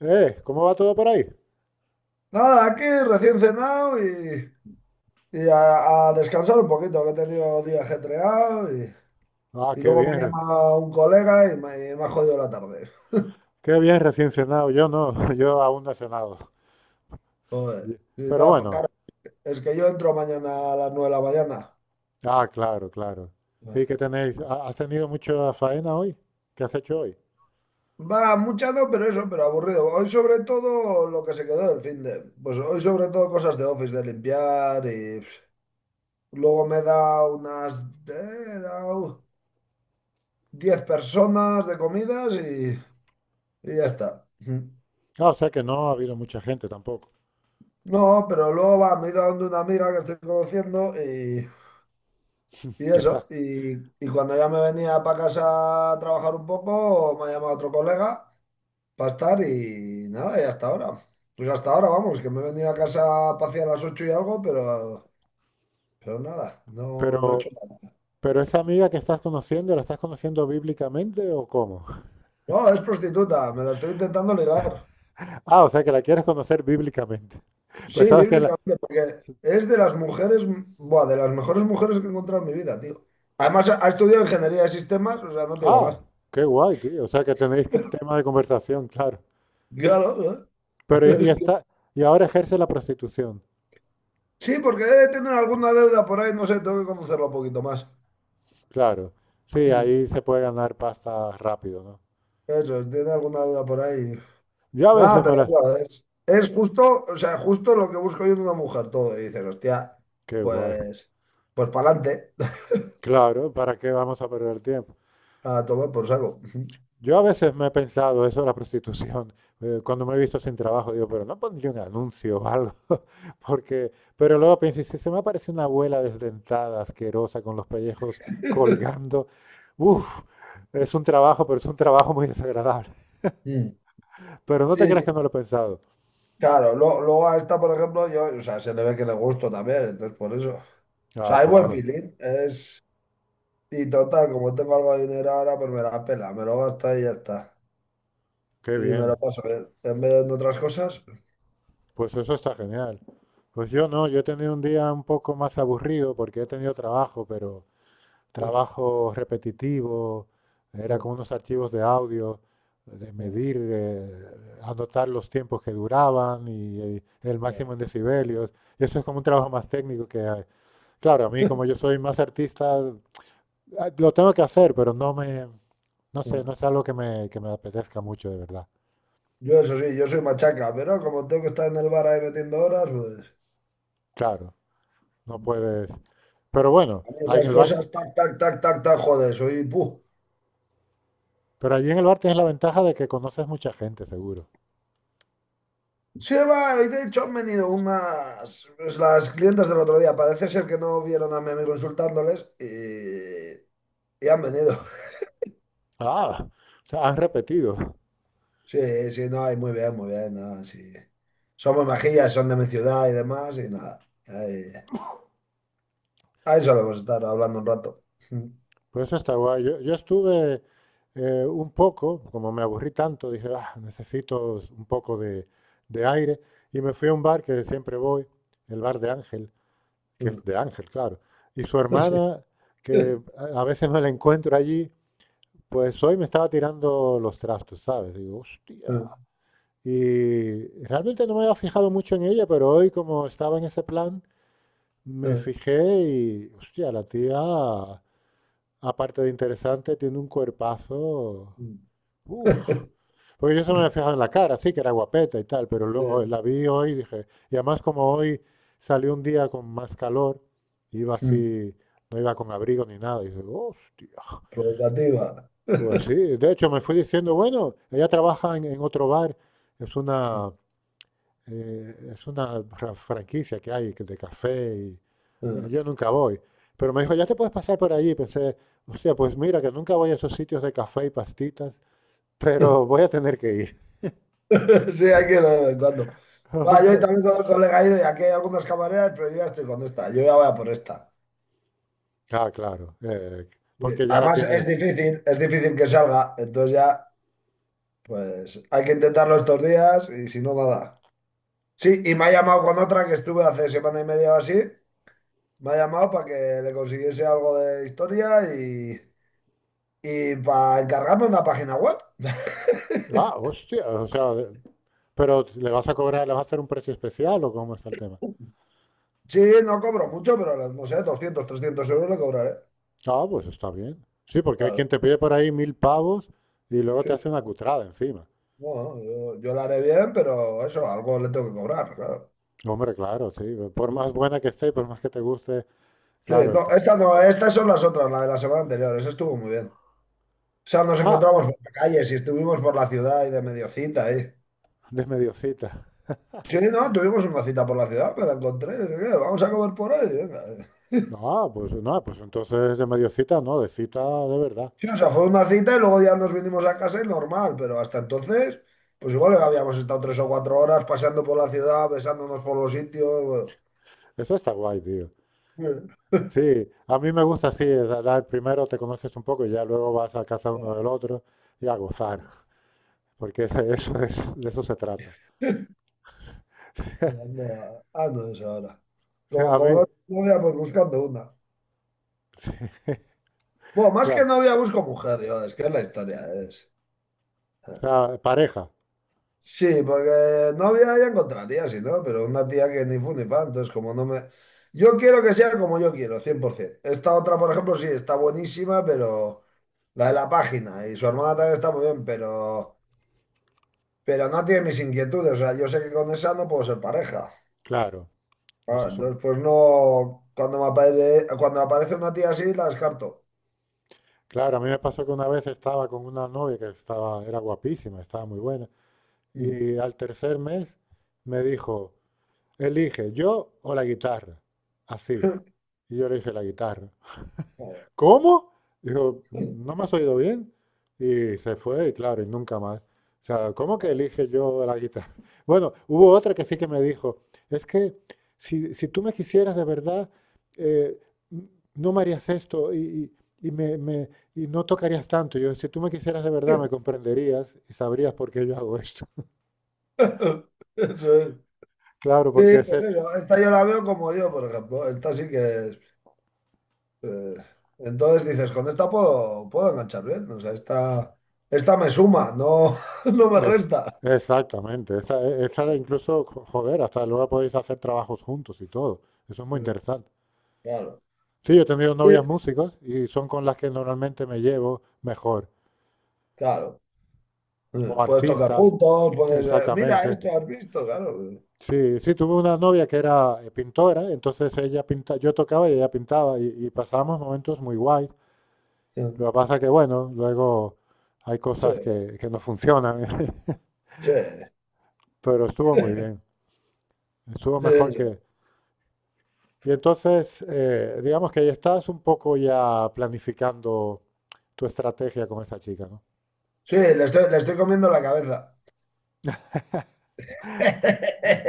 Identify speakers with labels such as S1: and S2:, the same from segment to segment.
S1: ¿Cómo va todo por ahí?
S2: Nada, aquí recién cenado y a descansar un poquito, que he tenido día ajetreado y,
S1: Ah,
S2: y
S1: qué
S2: luego
S1: bien,
S2: me ha llamado un colega y me ha jodido la tarde.
S1: qué bien recién cenado. Yo no, yo aún no he cenado.
S2: Joder.
S1: Y-
S2: Y
S1: Pero
S2: no, pues
S1: bueno,
S2: claro, es que yo entro mañana a las 9 de la mañana.
S1: ah, claro, claro. ¿Y qué tenéis? ¿Has tenido mucha faena hoy? ¿Qué has hecho hoy?
S2: Va, mucha no, pero eso, pero aburrido. Hoy sobre todo lo que se quedó del fin de... Pues hoy sobre todo cosas de office, de limpiar y... Luego me da unas... he dado 10 personas de comidas y, ya está.
S1: Ah, o sea que no ha habido mucha gente tampoco.
S2: No, pero luego va, me he ido a donde una amiga que estoy conociendo y
S1: Que
S2: eso.
S1: está.
S2: Y cuando ya me venía para casa a trabajar un poco, me ha llamado otro colega para estar y nada, y hasta ahora. Pues hasta ahora, vamos, que me he venido a casa a pasear a las 8 y algo, pero nada, no, no he hecho
S1: Pero,
S2: nada.
S1: pero esa amiga que estás conociendo, ¿la estás conociendo bíblicamente o cómo?
S2: No, es prostituta, me la estoy intentando ligar.
S1: Ah, o sea que la quieres conocer bíblicamente.
S2: Sí,
S1: Pues sabes que en la.
S2: bíblicamente, porque es de las mujeres, buah, de las mejores mujeres que he encontrado en mi vida, tío. Además, ha estudiado ingeniería de sistemas, o sea, no te digo
S1: Ah,
S2: más.
S1: qué guay, tío. O sea que tenéis tema de conversación, claro.
S2: Claro, ¿eh?
S1: Pero y
S2: Es que-
S1: está, y ahora ejerce la prostitución,
S2: Sí, porque debe tener alguna deuda por ahí, no sé, tengo que conocerlo un poquito más.
S1: claro. Sí,
S2: Mm.
S1: ahí se puede ganar pasta rápido, ¿no?
S2: Eso, es, tiene alguna deuda por ahí.
S1: Yo a
S2: Nada,
S1: veces me
S2: pero
S1: la.
S2: eso es justo, o sea, justo lo que busco yo en una mujer, todo. Y dices, hostia,
S1: Qué guay.
S2: pues, pues para adelante,
S1: Claro, ¿para qué vamos a perder el tiempo?
S2: a tomar por saco.
S1: Yo a veces me he pensado eso de la prostitución, cuando me he visto sin trabajo, digo, pero no pondría un anuncio o algo. Porque, pero luego pienso, si se me aparece una abuela desdentada, asquerosa, con los pellejos colgando, uff, es un trabajo, pero es un trabajo muy desagradable.
S2: Mm.
S1: Pero no te
S2: Sí,
S1: creas
S2: sí,
S1: que no lo he pensado.
S2: claro. Luego a esta, por ejemplo, yo, o sea, se le ve que le gusto también, entonces por eso. O
S1: Ah,
S2: sea, hay buen
S1: claro,
S2: feeling, es... Y total, como tengo algo de dinero ahora, pues me la pela, me lo gasto y ya está.
S1: qué
S2: Y me
S1: bien.
S2: lo paso bien. En vez de en otras cosas.
S1: Pues eso está genial. Pues yo no, yo he tenido un día un poco más aburrido porque he tenido trabajo, pero trabajo repetitivo, era con unos archivos de audio, de medir, anotar los tiempos que duraban y, el máximo en decibelios. Y eso es como un trabajo más técnico que, claro, a mí como yo soy más artista, ah, lo tengo que hacer, pero no me, no sé, no es algo que me, apetezca mucho de verdad.
S2: Yo eso sí, yo soy machaca, pero como tengo que estar en el bar ahí metiendo horas, pues...
S1: Claro, no puedes. Pero bueno,
S2: A mí
S1: ahí en
S2: esas
S1: el bar.
S2: cosas, tac, tac, tac, tac, tac, joder, soy... ¡Puh!
S1: Pero allí en el bar tienes la ventaja de que conoces mucha gente, seguro.
S2: Sí, va, y de hecho han venido unas... pues, las clientes del otro día, parece ser que no vieron a mi amigo insultándoles y han venido.
S1: Ah, o sea, han repetido.
S2: Sí, sí, no, y muy bien, nada, sí. Somos majillas, son de mi ciudad y demás, y nada. Ahí. A eso le vamos a estar hablando un rato.
S1: Pues eso está guay. Yo estuve un poco, como me aburrí tanto, dije, ah, necesito un poco de aire. Y me fui a un bar que siempre voy, el bar de Ángel, que es de Ángel, claro. Y su
S2: Sí.
S1: hermana, que a veces me la encuentro allí, pues hoy me estaba tirando los trastos, ¿sabes? Digo, hostia. Y realmente no me había fijado mucho en ella, pero hoy como estaba en ese plan, me fijé y, hostia, la tía, aparte de interesante, tiene un cuerpazo. Uf. Porque yo se me había fijado en la cara, sí, que era guapeta y tal, pero luego la vi hoy y dije, y además como hoy salió un día con más calor, iba así, no iba con abrigo ni nada, y dije, hostia,
S2: Provocativa.
S1: pues sí, de hecho me fui diciendo, bueno, ella trabaja en otro bar, es una, es una franquicia que hay de café y bueno, yo nunca voy. Pero me dijo, ya te puedes pasar por allí. Pensé, hostia, pues mira que nunca voy a esos sitios de café y pastitas, pero voy a tener que ir.
S2: Sí, hay que ir de vez en cuando. Ah, yo
S1: Hombre,
S2: también con el colega he ido y aquí hay algunas camareras, pero yo ya estoy con esta. Yo ya voy a por esta.
S1: ah, claro,
S2: Sí.
S1: porque ya la
S2: Además,
S1: tienes.
S2: es difícil que salga. Entonces ya, pues hay que intentarlo estos días y si no, nada. Sí, y me ha llamado con otra que estuve hace semana y media o así. Me ha llamado para que le consiguiese algo de historia y... Y para encargarme una página web.
S1: Ah, hostia, o sea, pero le vas a cobrar, le vas a hacer un precio especial o cómo está el tema.
S2: Sí, no cobro mucho, pero no sé, 200 300 euros le cobraré.
S1: Ah, pues está bien. Sí, porque hay quien
S2: Claro,
S1: te pide por ahí mil pavos y luego
S2: sí.
S1: te hace una cutrada encima.
S2: Bueno, yo la haré bien, pero eso, algo le tengo que cobrar, claro.
S1: Hombre, claro, sí. Por
S2: Sí,
S1: más buena que esté, y por más que te guste. Claro, el
S2: no,
S1: tra-.
S2: esta no, estas son las otras, la de la semana anterior, esa estuvo muy bien. O sea, nos
S1: Ah,
S2: encontramos por la calle, si estuvimos por la ciudad y de medio cita ahí.
S1: de medio cita.
S2: Sí, no, tuvimos una cita por la ciudad, me la encontré. Y dije, "¿Qué? Vamos a comer por ahí. Venga".
S1: Ah, pues no, pues entonces de medio cita, no, de cita de verdad.
S2: Sí, o sea, fue una cita y luego ya nos vinimos a casa y normal, pero hasta entonces, pues igual habíamos estado 3 o 4 horas paseando por la ciudad, besándonos por los sitios.
S1: Eso está guay, tío.
S2: Bueno.
S1: Sí, a mí me gusta así, es dar primero te conoces un poco y ya luego vas a casa uno del otro y a gozar, porque ese- eso es, de eso se trata.
S2: Ando de esa hora.
S1: O sea,
S2: Como,
S1: a
S2: como
S1: mí,
S2: no tengo novia, pues buscando una.
S1: sí,
S2: Bueno, más que
S1: claro.
S2: novia busco mujer, yo, es que es la historia, es.
S1: O
S2: eh.
S1: sea, pareja,
S2: Sí, porque novia ya encontraría, si no, pero una tía que ni fu ni fa, entonces como no me... Yo quiero que sea como yo quiero, 100%. Esta otra, por ejemplo, sí, está buenísima, pero... La de la página. Y su hermana también está muy bien, pero no tiene mis inquietudes. O sea, yo sé que con esa no puedo ser pareja.
S1: claro. Eso
S2: Ah,
S1: es
S2: entonces, pues no. Cuando cuando me aparece una tía así, la descarto.
S1: claro, a mí me pasó que una vez estaba con una novia que estaba, era guapísima, estaba muy buena,
S2: Mm.
S1: y al tercer mes me dijo, elige ¿yo o la guitarra? Así. Y yo le dije, la guitarra. ¿Cómo? Dijo, ¿no me has oído bien? Y se fue, y claro, y nunca más. O sea, ¿cómo que elige yo la guitarra? Bueno, hubo otra que sí que me dijo, es que si tú me quisieras de verdad, eh, no me harías esto y me, me- y no tocarías tanto. Yo, si tú me quisieras de verdad, me comprenderías y sabrías por qué yo hago esto.
S2: Eso es.
S1: Claro,
S2: Sí,
S1: porque ese
S2: pues
S1: es,
S2: eso. Esta yo la veo como yo, por ejemplo. Esta sí que es. eh, entonces dices, con esta puedo enganchar bien. O sea, esta me suma, no, no me
S1: Es,
S2: resta.
S1: exactamente. Esa de incluso, joder, hasta luego podéis hacer trabajos juntos y todo. Eso es muy
S2: Sí,
S1: interesante.
S2: claro.
S1: Sí, yo he tenido
S2: Sí,
S1: novias músicos y son con las que normalmente me llevo mejor.
S2: claro.
S1: O
S2: Puedes tocar
S1: artistas,
S2: juntos, puedes. Mira,
S1: exactamente.
S2: esto has visto, claro.
S1: Sí, sí, tuve una novia que era pintora, entonces ella pinta, yo tocaba y ella pintaba y pasábamos momentos muy guays.
S2: Eh,
S1: Lo que pasa que, bueno, luego hay
S2: Sí,
S1: cosas que, no funcionan.
S2: sí,
S1: Pero estuvo muy bien. Estuvo
S2: sí,
S1: mejor que.
S2: eso.
S1: Y entonces, digamos que ahí estás un poco ya planificando tu estrategia con esa chica, ¿no?
S2: Sí, le estoy comiendo la cabeza.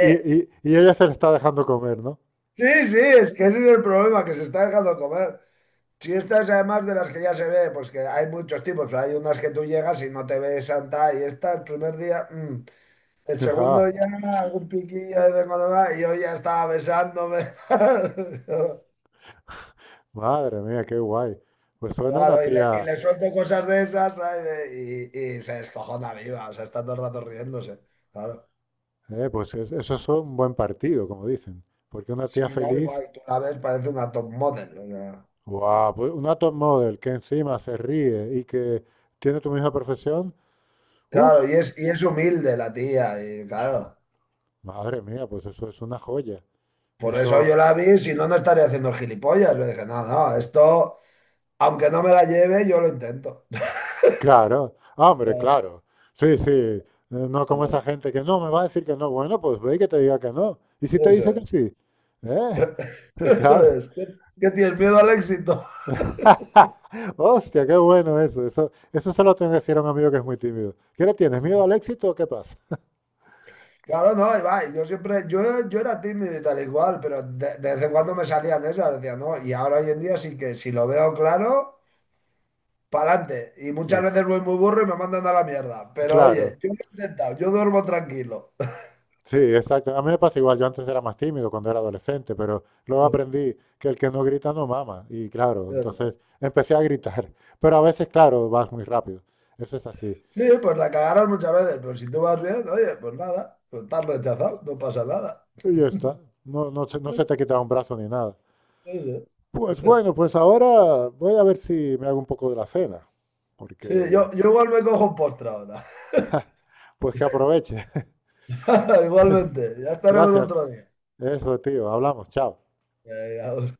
S1: Y, y ella se le está dejando comer, ¿no?
S2: Sí, sí, es que ese es el problema, que se está dejando comer. Si estas además de las que ya se ve, pues que hay muchos tipos, hay unas que tú llegas y no te ves santa y esta el primer día, mm. El
S1: Ah,
S2: segundo ya algún piquillo de vez en cuando va y yo ya estaba besándome.
S1: madre mía, qué guay. Pues suena una
S2: Claro, y le, y
S1: tía,
S2: le suelto cosas de esas, ¿sabes? Y se descojona viva, o sea, está todo el rato riéndose. Claro.
S1: pues eso es un buen partido, como dicen. Porque una
S2: Sí,
S1: tía
S2: no,
S1: feliz.
S2: igual, tú la ves, parece una top model. O sea.
S1: Guau, pues una top model que encima se ríe y que tiene tu misma profesión, uff,
S2: Claro, y es humilde la tía, y claro.
S1: madre mía, pues eso es una joya.
S2: Por eso
S1: Eso.
S2: yo la vi, si no, no estaría haciendo el gilipollas. Le dije, no, no, esto, aunque no me la lleve, yo lo intento.
S1: Claro, hombre, claro. Sí, sí. No como esa gente que no me va a decir que no. Bueno, pues ve y que te diga que no. ¿Y si te
S2: Eso
S1: dice que
S2: es.
S1: sí? ¿Eh?
S2: Eso
S1: Claro.
S2: es. ¿Qué tienes miedo al éxito?
S1: Hostia, qué bueno eso. Eso se lo tengo que decir a un amigo que es muy tímido. ¿Qué le tienes? ¿Miedo al éxito o qué pasa?
S2: Claro, no, y va, yo siempre, yo era tímido y tal igual, pero de vez en cuando me salían esas, decía, no, y ahora hoy en día sí que si lo veo claro, pa'lante. Y muchas
S1: Eh,
S2: veces voy muy burro y me mandan a la mierda, pero oye,
S1: claro.
S2: yo lo he intentado, yo duermo tranquilo.
S1: Sí, exacto. A mí me pasa igual. Yo antes era más tímido cuando era adolescente, pero luego
S2: Sí,
S1: aprendí que el que no grita no mama. Y claro, entonces
S2: eso.
S1: empecé a gritar. Pero a veces, claro, vas muy rápido. Eso es así.
S2: Sí, pues la cagaron muchas veces, pero si tú vas bien, oye, pues nada, pues estás rechazado, no pasa nada.
S1: Y ya está. No, no se, te ha quitado un brazo ni nada.
S2: Eso.
S1: Pues bueno, pues ahora voy a ver si me hago un poco de la cena,
S2: Sí,
S1: porque
S2: yo igual me cojo un postre ahora.
S1: pues que aproveche.
S2: Igualmente, ya estaremos
S1: Gracias.
S2: otro día.
S1: Eso, tío. Hablamos. Chao.
S2: Venga,